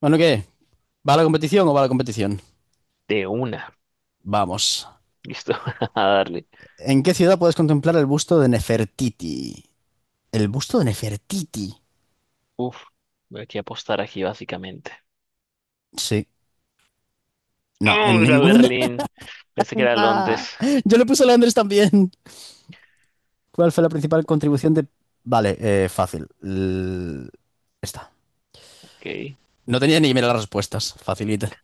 Bueno, ¿qué? ¿Va a la competición o va a la competición? De una. Vamos. Listo. A darle. ¿En qué ciudad puedes contemplar el busto de Nefertiti? ¿El busto de Nefertiti? Uf. Voy aquí a apostar aquí, básicamente. Sí. No, en ¡Oh, era ninguna. Berlín! Pensé que era Ah, Londres. yo le puse a Leandres también. ¿Cuál fue la principal contribución de...? Vale, fácil. Esta. Ok. No tenía ni que mirar las respuestas. Facilita.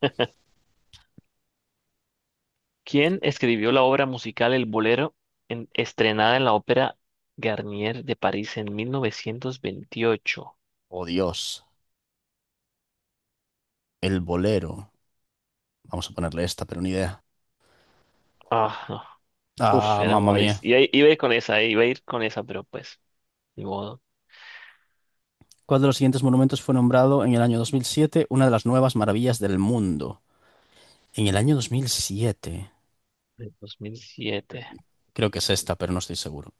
¿Quién escribió la obra musical El Bolero estrenada en la Ópera Garnier de París en 1928? Oh, Dios. El bolero. Vamos a ponerle esta, pero ni idea. Ah, no. Uf, Ah, era mamma Maurice. mía. Iba a ir con esa, iba a ir con esa, pero pues, ni modo. ¿Cuál de los siguientes monumentos fue nombrado en el año 2007 una de las nuevas maravillas del mundo? En el año 2007, En 2007. creo que es esta, pero no estoy seguro.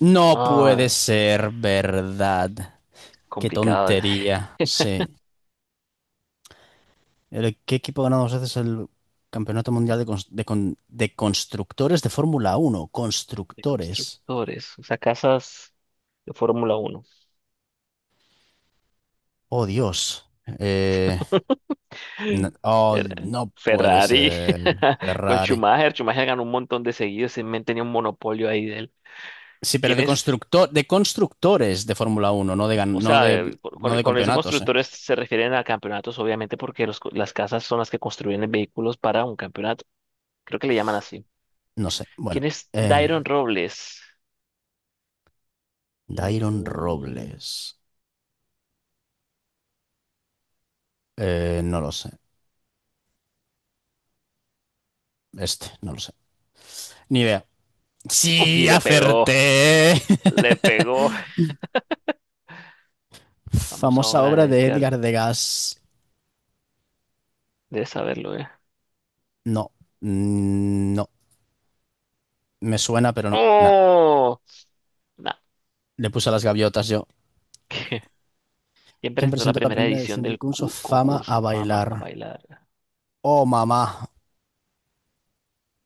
No puede Ah, ser verdad. Qué complicado. tontería. Sí. ¿Qué equipo ha ganado dos veces el Campeonato Mundial de Constructores de Fórmula Uno? De Constructores. constructores. O sea, casas de Fórmula uno. Oh, Dios. Eh, no, oh, Era no puede Ferrari ser con Ferrari. Schumacher. Schumacher ganó un montón de seguidos. Ese men tenía un monopolio ahí de él. Sí, pero ¿Quién de es? constructor, de constructores de Fórmula Uno, no de, gan- O no sea, de, no de con esos campeonatos, ¿eh? constructores se refieren a campeonatos, obviamente, porque las casas son las que construyen los vehículos para un campeonato. Creo que le llaman así. No sé. Bueno. ¿Quién es eh, Dairon Robles? Dairon Mm, Robles. No lo sé. Este, no lo sé. Ni idea. uf, y Sí, le pegó. acerté. Le pegó. Vamos a Famosa obra obra de de Edgar. Edgar Degas. Debes saberlo, ¿eh? No, no. Me suena, pero no. Nah. ¡Oh! Nah. Le puse a las gaviotas yo. ¿Quién ¿Quién presentó la presentó la primera primera edición edición del del concurso Fama a concurso Fama a bailar? bailar? Oh, mamá.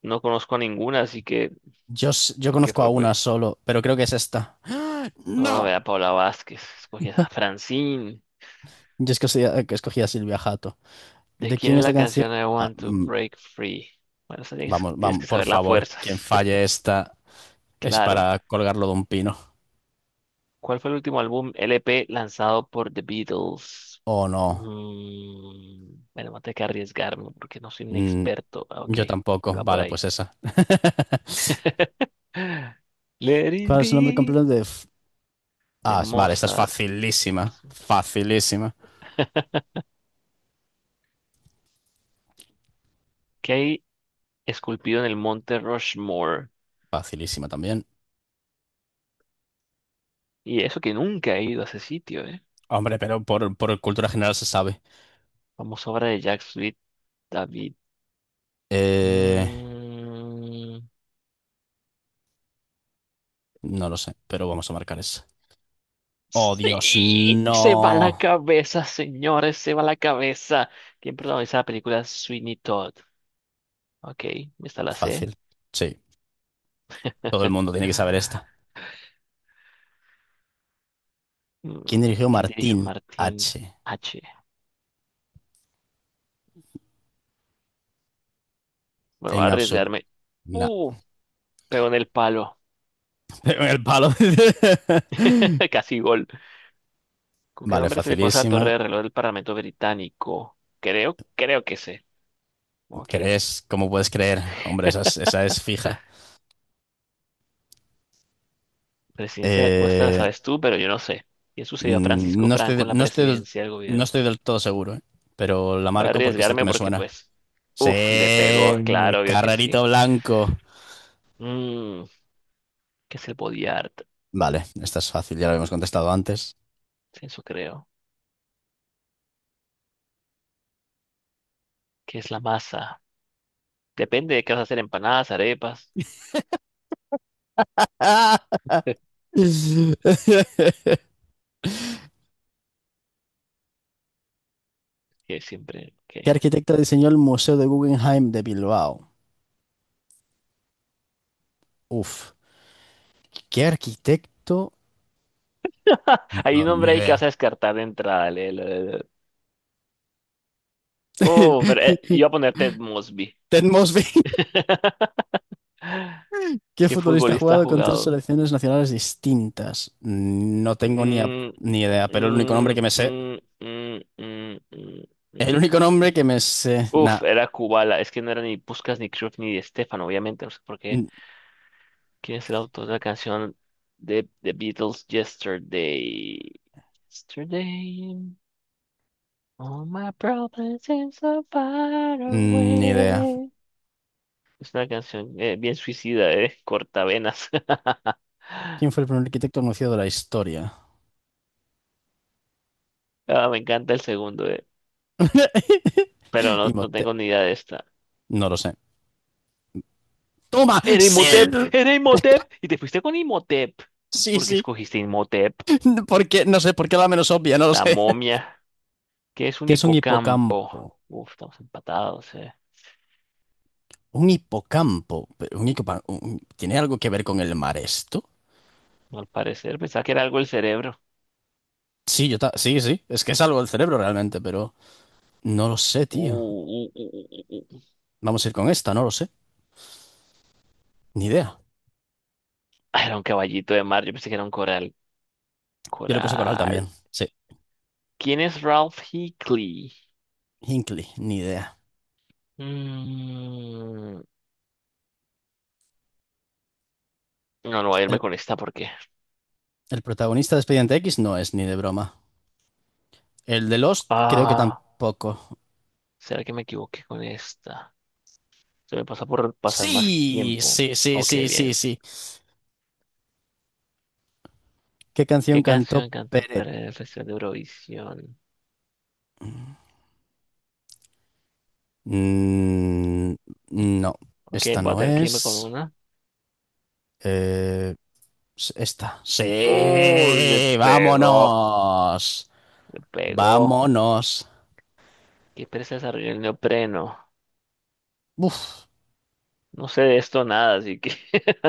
No conozco a ninguna, así que Yo lo que conozco a fue una fue. solo, pero creo que es esta. ¡Ah! Oh, a ¡No! Paula Vázquez, escogí a Francine. Yo es que, escogí a Silvia Jato. ¿De ¿De quién quién es es la la canción? canción I Ah. Want to Break Free? Bueno, esa tienes, Vamos, tienes vamos, que por saber las favor, quien fuerzas. falle esta es Claro. para colgarlo de un pino. ¿Cuál fue el último álbum LP lanzado por The Beatles? Oh, no. Bueno, voy a tener que arriesgarme porque no soy un Mm, experto. Ah, ok, yo tampoco. iba por Vale, ahí. pues esa. Let it ¿Cuál es el nombre be completo de...? De Ah, vale, esta es Mozart. facilísima. Facilísima. ¿Qué hay esculpido en el monte Rushmore? Facilísima también. Y eso que nunca he ido a ese sitio, ¿eh? Hombre, pero por cultura general se sabe. Famosa obra de Jacques Sweet David. Eh, Mm, no lo sé, pero vamos a marcar esa. Oh, Dios, sí, se va la no. cabeza, señores, se va la cabeza. ¿Quién protagoniza la película Sweeney Todd? Ok, esta la sé. Fácil. Sí, todo el mundo tiene que saber esta. Mm, ¿Quién dirigió ¿quién dirigió Martín Martin H? H? Bueno, voy a En absoluto. arriesgarme. Uh, pegó en el palo. Pero el palo. Casi gol. ¿Con qué Vale, nombre se le conoce la facilísima. torre de reloj del Parlamento Británico? Creo, que sé. Ok. ¿Crees? ¿Cómo puedes creer? Hombre, esa es fija. Presidencia, o esta la Eh, sabes tú, pero yo no sé. ¿Qué sucedió a mm, Francisco no estoy, Franco de- en la no estoy, del- presidencia del no gobierno? estoy del todo seguro, ¿eh? Pero la Voy a marco porque es el que arriesgarme me porque, suena. pues, Sí, uff, le pegó, claro, obvio que carrerito sí. blanco. Mm, ¿Qué es el body art? Vale, esta es fácil, ya lo habíamos contestado antes. Eso creo. ¿Qué es la masa? Depende de qué vas a hacer, empanadas, arepas, ¡Ah! ¿Qué que siempre, que arquitecto diseñó el Museo de Guggenheim de Bilbao? Uf, ¿qué arquitecto? hay No, un ni nombre ahí que vas idea. a descartar de entrada. Oh, pero iba a poner Ted Mosby. Ted Mosby. ¿Qué ¿Qué futbolista ha futbolista ha jugado con tres jugado? selecciones nacionales distintas? No tengo ni, a- Mm, ni idea, pero el único mm, nombre que me mm, sé. mm, mm, mm, El mm, único mm. nombre que me sé. Nah, Uf, era Kubala. Es que no era ni Puskas, ni Cruyff, ni Di Stefano, obviamente. No sé por qué. n- ¿Quién es el autor de la canción de The Beatles Yesterday? Yesterday. All my problems seem so far ni idea. away. Es una canción bien suicida, eh. Cortavenas. ¿Quién fue el primer arquitecto anunciado de la historia? Ah, me encanta el segundo, eh. Pero Y no Mote- tengo ni idea de esta. No lo sé. ¡Toma! Era ¡Sí! Imhotep, era Imhotep. Y te fuiste con Imhotep. Sí, ¿Por qué sí. escogiste Imhotep? ¿Por qué? No sé, ¿por qué la menos obvia? No lo La sé. momia. ¿Qué es un ¿Qué es un hipocampo? hipocampo? Uf, estamos empatados, eh. Un hipocampo. Pero ¿tiene algo que ver con el mar esto? Al parecer pensaba que era algo el cerebro. Sí, sí, sí. Es que es algo del cerebro realmente, pero. No lo sé, Uh, tío. uh, uh, uh, uh, uh. uh. Vamos a ir con esta, no lo sé. Ni idea. Ah, era un caballito de mar, yo pensé que era un coral. Yo le puse Coral Coral. también. Sí. ¿Quién es Ralph Hickley? Hinkley, ni idea. Mm, No, no voy a El, irme con esta porque. el protagonista de Expediente X no es ni de broma. El de Lost creo que Ah, tampoco. ¿será que me equivoqué con esta? Se me pasó por pasar más Sí, tiempo. sí, sí, Ok, sí, sí, bien. sí. ¿Qué canción ¿Qué cantó canción cantó Peret? Pérez en el Festival de Eurovisión? Mm, no, Ok, esta voy a no tener que irme con es. una. Eh, Esta. Uy, le Sí, pegó. vámonos. Le pegó. Vámonos. ¿Qué pereza desarrolló el neopreno? Uf, No sé de esto nada, así que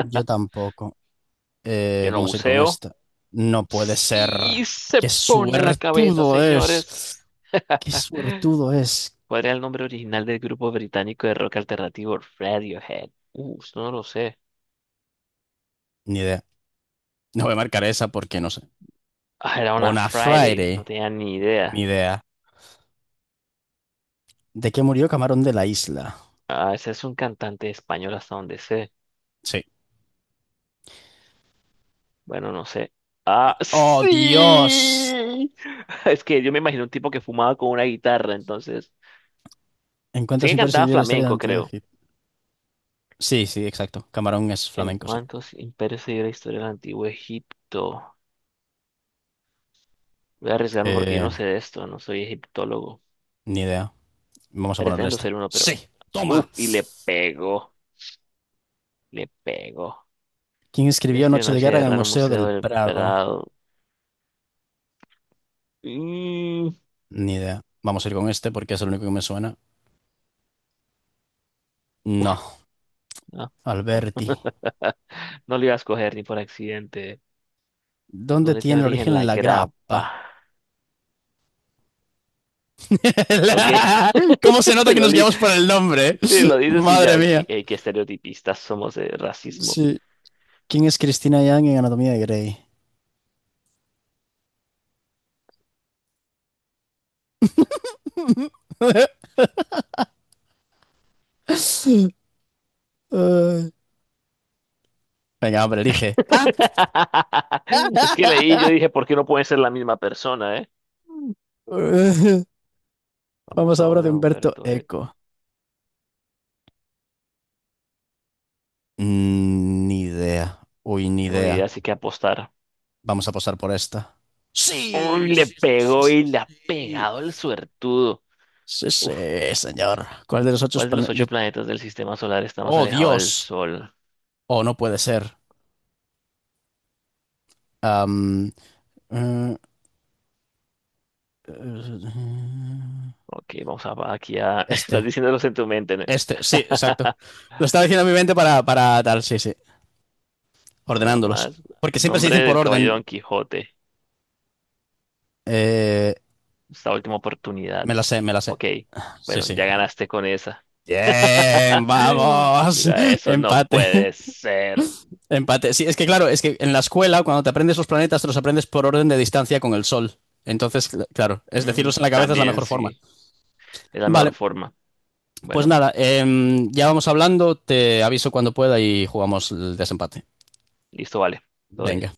yo tampoco. yo no Vamos a ir con buceo. esta. No puede Sí, ser. se ¡Qué pone la cabeza, suertudo señores. es! ¡Qué suertudo es! ¿Cuál era el nombre original del grupo británico de rock alternativo Radiohead? Esto no lo sé. Ni idea. No voy a marcar esa porque no sé. Ah, era una On a Friday, no Friday. tenía ni Ni idea. idea. ¿De qué murió Camarón de la Isla? Ah, ese es un cantante español hasta donde sé. Sí. Bueno, no sé. Ah, ¡Oh, Dios! sí. Es que yo me imagino un tipo que fumaba con una guitarra, entonces. Sí Encuentros que cantaba imprescindibles de la historia flamenco, de la creo. Egipto. Sí, sí, exacto. Camarón es ¿En flamenco, sí. cuántos imperios se dio la historia del antiguo Egipto? Voy a arriesgarme porque yo Eh, no sé de esto, no soy egiptólogo. Ni idea. Vamos a ponerle Pretendo esta. ser uno, pero... ¡Sí! Uf, ¡Toma! y le pegó, le pegó. ¿Quién Le escribió escribió Noche de Noche Guerra de en el Guerra en el Museo Museo del del Prado? Prado. Mm, Ni idea. Vamos a ir con este porque es el único que me suena. No, no, no, Alberti. no lo iba a escoger ni por accidente. ¿Dónde ¿Dónde tiene tiene origen origen la la grapa? grappa? Ok, La- ¿Cómo se nota que lo, nos li- guiamos por el nombre? sí, lo dices y Madre ya, qué, mía. Qué estereotipistas somos de racismo. Sí. ¿Quién es Cristina Yang en Anatomía de Grey? Ay. Venga, hombre, elige. Ah. Es que leí, yo dije, ¿por qué no pueden ser la misma persona, eh? Vamos Vamos a a obra ver de a Humberto Humberto Eco. Eco. Ni idea. Uy, ni No tengo ni idea, idea. así que apostar. Vamos a posar por esta. Sí, Uy, le sí, sí, sí, pegó y le sí, ha sí. pegado el suertudo. Sí, sí, Uf, señor. ¿Cuál de los ocho ¿cuál de los ocho paneles? planetas del sistema solar está más ¡Oh, alejado del Dios! Sol? O no puede ser. Am, eh, eh, Ok, vamos a aquí a... estás este. diciéndolos en tu mente, ¿no? Este, sí, exacto. Lo estaba diciendo en mi mente para tal, sí, sí. Una Ordenándolos. más. Porque siempre se Nombre dicen por del orden. caballero Don Quijote. Eh, Esta última oportunidad. Me la sé, me la sé. Ok. Sí, Bueno, sí. ya ganaste con esa. Bien, vamos. Mira, eso no Empate, puede ser. empate. Sí, es que claro, es que en la escuela, cuando te aprendes los planetas, te los aprendes por orden de distancia con el Sol. Entonces, claro, es Mm, decirlos en la cabeza es la también mejor forma. sí. Es la mejor Vale. forma. Pues Bueno, nada, ya vamos hablando, te aviso cuando pueda y jugamos el desempate. listo, vale. Todo Venga. bien.